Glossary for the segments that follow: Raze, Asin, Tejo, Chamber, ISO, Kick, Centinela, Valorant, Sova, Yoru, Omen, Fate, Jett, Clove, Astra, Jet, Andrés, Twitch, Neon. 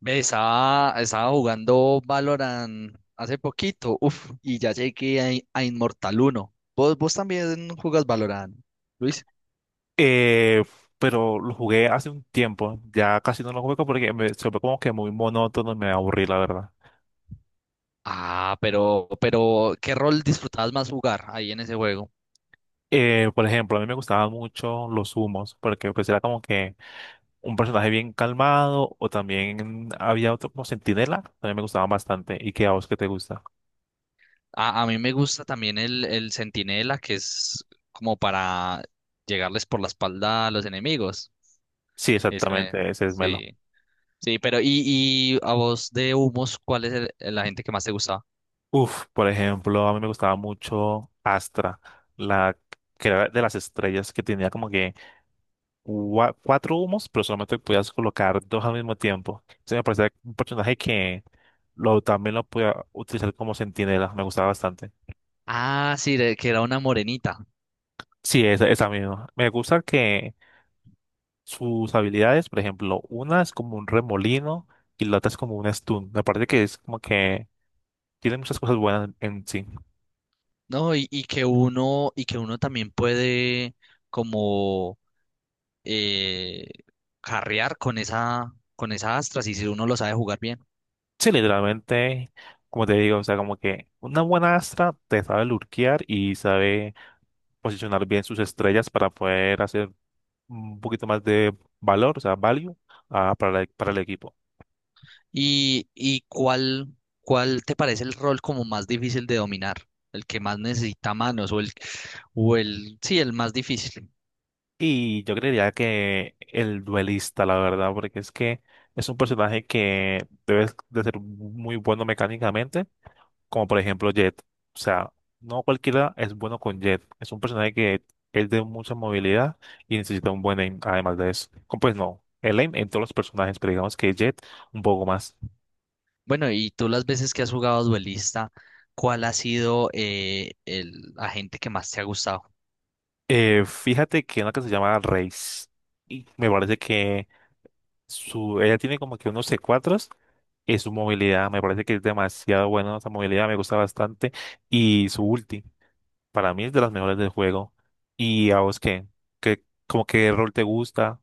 Ve, estaba jugando Valorant hace poquito, uf, y ya llegué a, a Inmortal Uno. ¿Vos también jugas Valorant, Luis? Eh, pero lo jugué hace un tiempo, ya casi no lo juego porque me, se ve como que muy monótono y me aburrí, la verdad. Ah, pero, ¿qué rol disfrutabas más jugar ahí en ese juego? Por ejemplo, a mí me gustaban mucho los humos, porque pues era como que un personaje bien calmado, o también había otro como Centinela, también me gustaban bastante. ¿Y qué a vos que te gusta? A mí me gusta también el Centinela, que es como para llegarles por la espalda a los enemigos. Sí, Ese me- exactamente, ese es Melo. sí, sí, pero, y a vos de humos, la gente que más te gustaba? Uf, por ejemplo, a mí me gustaba mucho Astra, la que era de las estrellas que tenía como que cuatro humos, pero solamente podías colocar dos al mismo tiempo. Entonces me parecía un personaje que también lo podía utilizar como centinela, me gustaba bastante. Ah, sí, que era una morenita. Sí, esa misma. Me gusta que sus habilidades, por ejemplo, una es como un remolino y la otra es como un stun. Me parece que es como que tiene muchas cosas buenas en sí. No, y que uno también puede como eh, carrear con esa astras y si uno lo sabe jugar bien. Sí, literalmente, como te digo, o sea, como que una buena Astra te sabe lurkear y sabe posicionar bien sus estrellas para poder hacer un poquito más de valor, o sea, value, para el equipo. ¿Y cuál te parece el rol como más difícil de dominar? El que más necesita manos, o el, sí, el más difícil. Y yo creería que el duelista, la verdad, porque es que es un personaje que debe de ser muy bueno mecánicamente, como por ejemplo Jet. O sea, no cualquiera es bueno con Jet. Es un personaje que es de mucha movilidad y necesita un buen aim, además de eso. Como, pues no, el aim en todos los personajes, pero digamos que Jet un poco más. Bueno, y tú las veces que has jugado duelista, ¿cuál ha sido el agente que más te ha gustado? Fíjate que una que se llama Raze. Y me parece que ella tiene como que unos c 4, y su movilidad me parece que es demasiado buena, esa movilidad me gusta bastante, y su ulti para mí es de las mejores del juego. ¿Y a vos qué? ¿Qué como qué rol te gusta?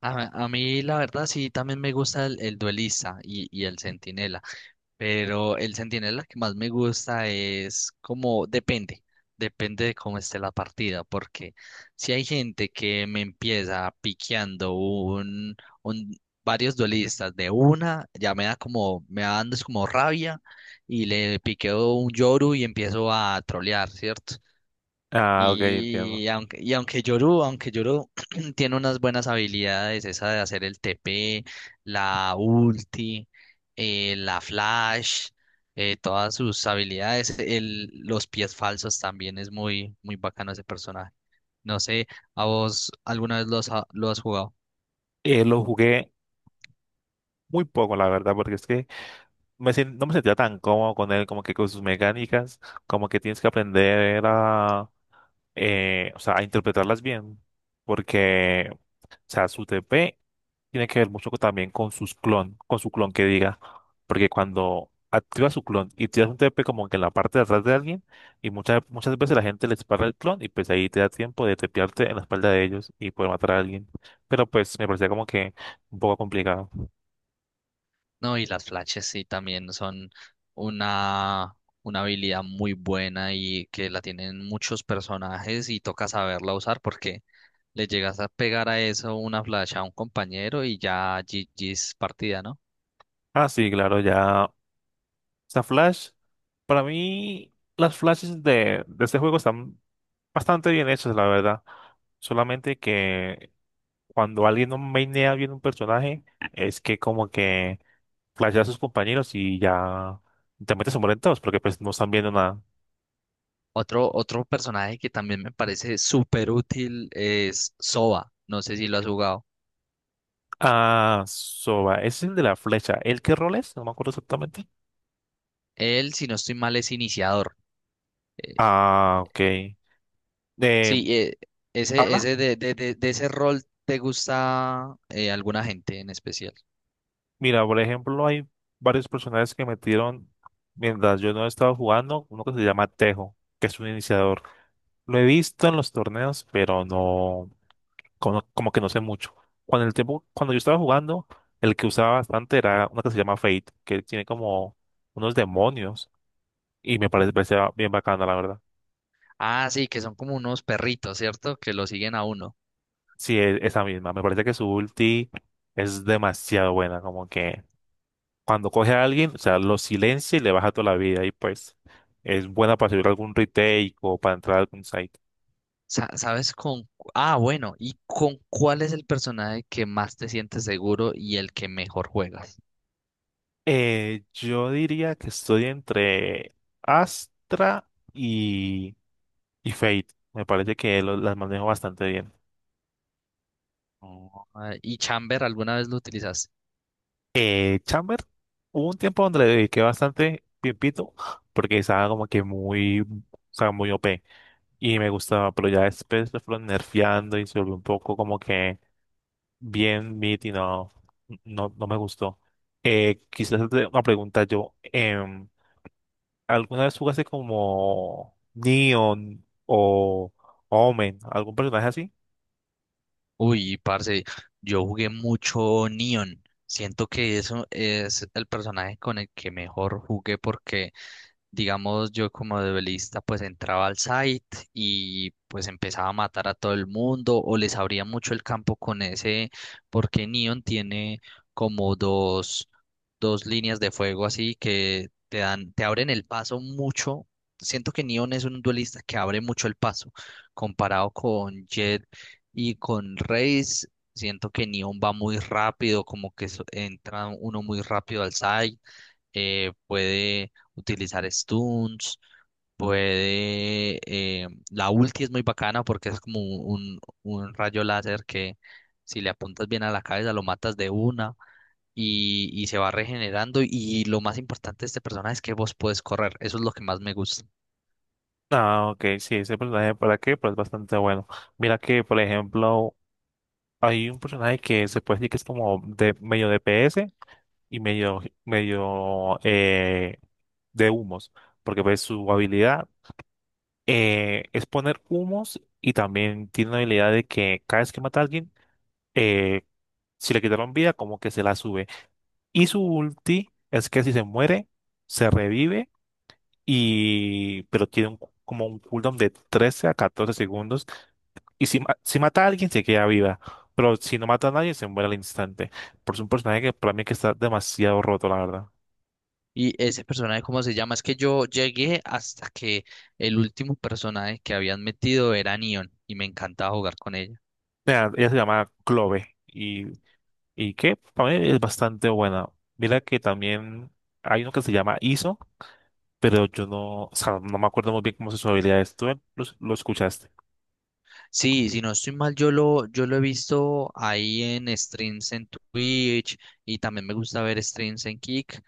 A mí la verdad sí también me gusta el duelista y el centinela, pero el centinela que más me gusta es como depende de cómo esté la partida, porque si hay gente que me empieza piqueando un varios duelistas de una, ya me da como, me va dando es como rabia y le piqueo un Yoru y empiezo a trolear, ¿cierto? Ah, ok, Y entiendo. aunque, y aunque Yoru, aunque Yoru tiene unas buenas habilidades, esa de hacer el TP, la ulti, la flash, todas sus habilidades, los pies falsos también es muy, muy bacano ese personaje. No sé, ¿a vos alguna vez lo has jugado? Lo jugué muy poco, la verdad, porque es que no me sentía tan cómodo con él, como que con sus mecánicas, como que tienes que aprender a, o sea, a interpretarlas bien, porque, o sea, su TP tiene que ver mucho también con sus clon, con su clon que diga, porque cuando activa su clon y tiras un TP como que en la parte de atrás de alguien, y muchas veces la gente le dispara el clon y pues ahí te da tiempo de tepearte en la espalda de ellos y poder matar a alguien, pero pues me parecía como que un poco complicado. No, y las flashes sí también son una, una habilidad muy buena y que la tienen muchos personajes y toca saberla usar porque le llegas a pegar a eso una flash a un compañero y ya GG's partida, ¿no? Ah, sí, claro, ya. Sea, Flash, para mí las flashes de este juego están bastante bien hechas, la verdad. Solamente que cuando alguien no mainea bien un personaje, es que como que flashea a sus compañeros y ya te metes a morir todos, porque pues no están viendo nada. Otro personaje que también me parece súper útil es Sova. No sé si lo has jugado. Ah, Soba, ese es el de la flecha. ¿El qué rol es? No me acuerdo exactamente. Él, si no estoy mal, es iniciador. Eh, Ah, ok. Eh, sí, ese, ¿Habla? ese de ese rol te gusta alguna gente en especial. Mira, por ejemplo, hay varios personajes que metieron mientras yo no estaba jugando, uno que se llama Tejo, que es un iniciador. Lo he visto en los torneos, pero no, como que no sé mucho. Cuando yo estaba jugando, el que usaba bastante era uno que se llama Fate, que tiene como unos demonios, y me parecía bien bacana, la verdad. Ah, sí, que son como unos perritos, ¿cierto? Que lo siguen a uno. Sí, esa misma. Me parece que su ulti es demasiado buena, como que cuando coge a alguien, o sea, lo silencia y le baja toda la vida. Y pues es buena para subir algún retake o para entrar a algún site. Ah, bueno, ¿y con cuál es el personaje que más te sientes seguro y el que mejor juegas? Yo diría que estoy entre Astra y, y Fate. Me parece que las manejo bastante bien. Oh, ah, ¿y Chamber alguna vez lo utilizaste? Chamber, hubo un tiempo donde le dediqué bastante tiempito porque estaba como que muy, o sea, muy OP y me gustaba, pero ya después lo fueron nerfeando y se volvió un poco como que bien, Meet y no, no me gustó. Quizás hacerte una pregunta yo. em, ¿Alguna vez jugaste como Neon o Omen? ¿Algún personaje así? Uy, parce, yo jugué mucho Neon. Siento que eso es el personaje con el que mejor jugué porque digamos, yo como duelista pues entraba al site y pues empezaba a matar a todo el mundo o les abría mucho el campo con ese, porque Neon tiene como dos líneas de fuego así que te dan, te abren el paso mucho. Siento que Neon es un duelista que abre mucho el paso comparado con Jett y con Raze. Siento que Neon va muy rápido, como que entra uno muy rápido al site, puede utilizar stunts, la ulti es muy bacana porque es como un rayo láser que si le apuntas bien a la cabeza lo matas de una y, se va regenerando y lo más importante de este personaje es que vos puedes correr, eso es lo que más me gusta. Ah, ok, sí, ese personaje, ¿para qué? Pero es bastante bueno. Mira que, por ejemplo, hay un personaje que se puede decir que es como de medio DPS y medio de humos, porque pues su habilidad es poner humos y también tiene la habilidad de que cada vez que mata a alguien, eh, si le quitaron vida, como que se la sube. Y su ulti es que si se muere, se revive y pero como un cooldown de 13 a 14 segundos. Y si mata a alguien, se queda viva. Pero si no mata a nadie, se muere al instante. Por es un personaje que para mí que está demasiado roto, la verdad. Y ese personaje, ¿cómo se llama? Es que yo llegué hasta que el último personaje que habían metido era Neon y me encantaba jugar con ella. Mira, ella se llama Clove y que para mí es bastante buena. Mira que también hay uno que se llama ISO, pero yo no, o sea, no me acuerdo muy bien cómo son sus habilidades. ¿Tú lo escuchaste? Sí, si no estoy mal, yo lo he visto ahí en streams en Twitch y también me gusta ver streams en Kick.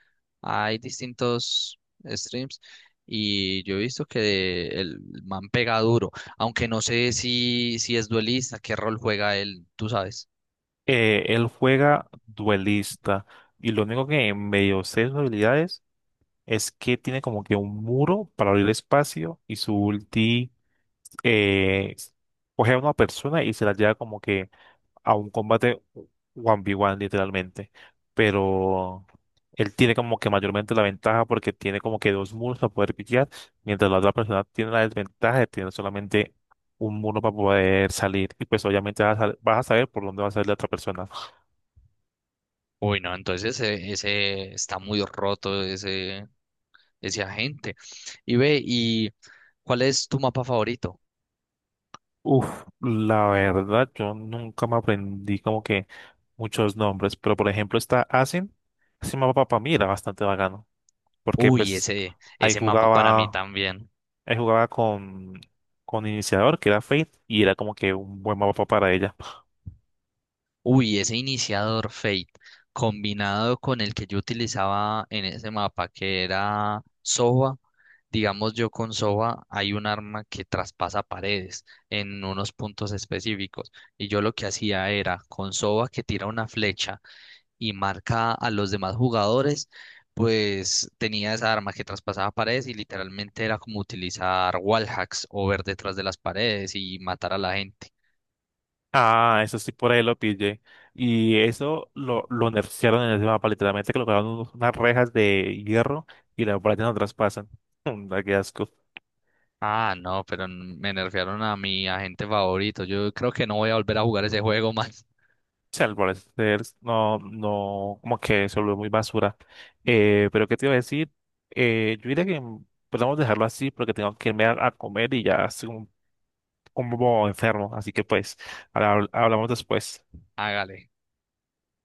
Hay distintos streams y yo he visto que el man pega duro, aunque no sé si es duelista, qué rol juega él, tú sabes. Él juega duelista y lo único que medio sé de sus habilidades es que tiene como que un muro para abrir espacio y su ulti eh, coge a una persona y se la lleva como que a un combate 1v1 literalmente, pero él tiene como que mayormente la ventaja porque tiene como que dos muros para poder pillar, mientras la otra persona tiene la desventaja de tener solamente un muro para poder salir y pues obviamente vas a saber por dónde va a salir la otra persona. Uy, no, entonces ese está muy roto ese agente. Y ve, ¿y cuál es tu mapa favorito? Uf, la verdad yo nunca me aprendí como que muchos nombres, pero por ejemplo está Asin, ese mapa para mí era bastante bacano porque Uy, pues ese, ahí ese mapa para mí jugaba. también. Él jugaba con iniciador, que era Fate, y era como que un buen mapa para ella. Uy, ese iniciador Fate combinado con el que yo utilizaba en ese mapa que era Sova, digamos yo con Sova hay un arma que traspasa paredes en unos puntos específicos y yo lo que hacía era con Sova que tira una flecha y marca a los demás jugadores, pues tenía esa arma que traspasaba paredes y literalmente era como utilizar wallhacks o ver detrás de las paredes y matar a la gente. Ah, eso sí, por ahí lo pillé. Y eso lo nerfearon en ese mapa, literalmente colocaron unas rejas de hierro y las paredes no traspasan. Da qué asco. O Ah, no, pero me nerfearon a mi agente favorito. Yo creo que no voy a volver a jugar ese juego más. sea, al parecer, no, como que se volvió muy basura. Pero ¿qué te iba a decir? Yo diría que podemos dejarlo así porque tengo que irme a comer y ya hace un como enfermo, así que pues hablamos después. Hágale.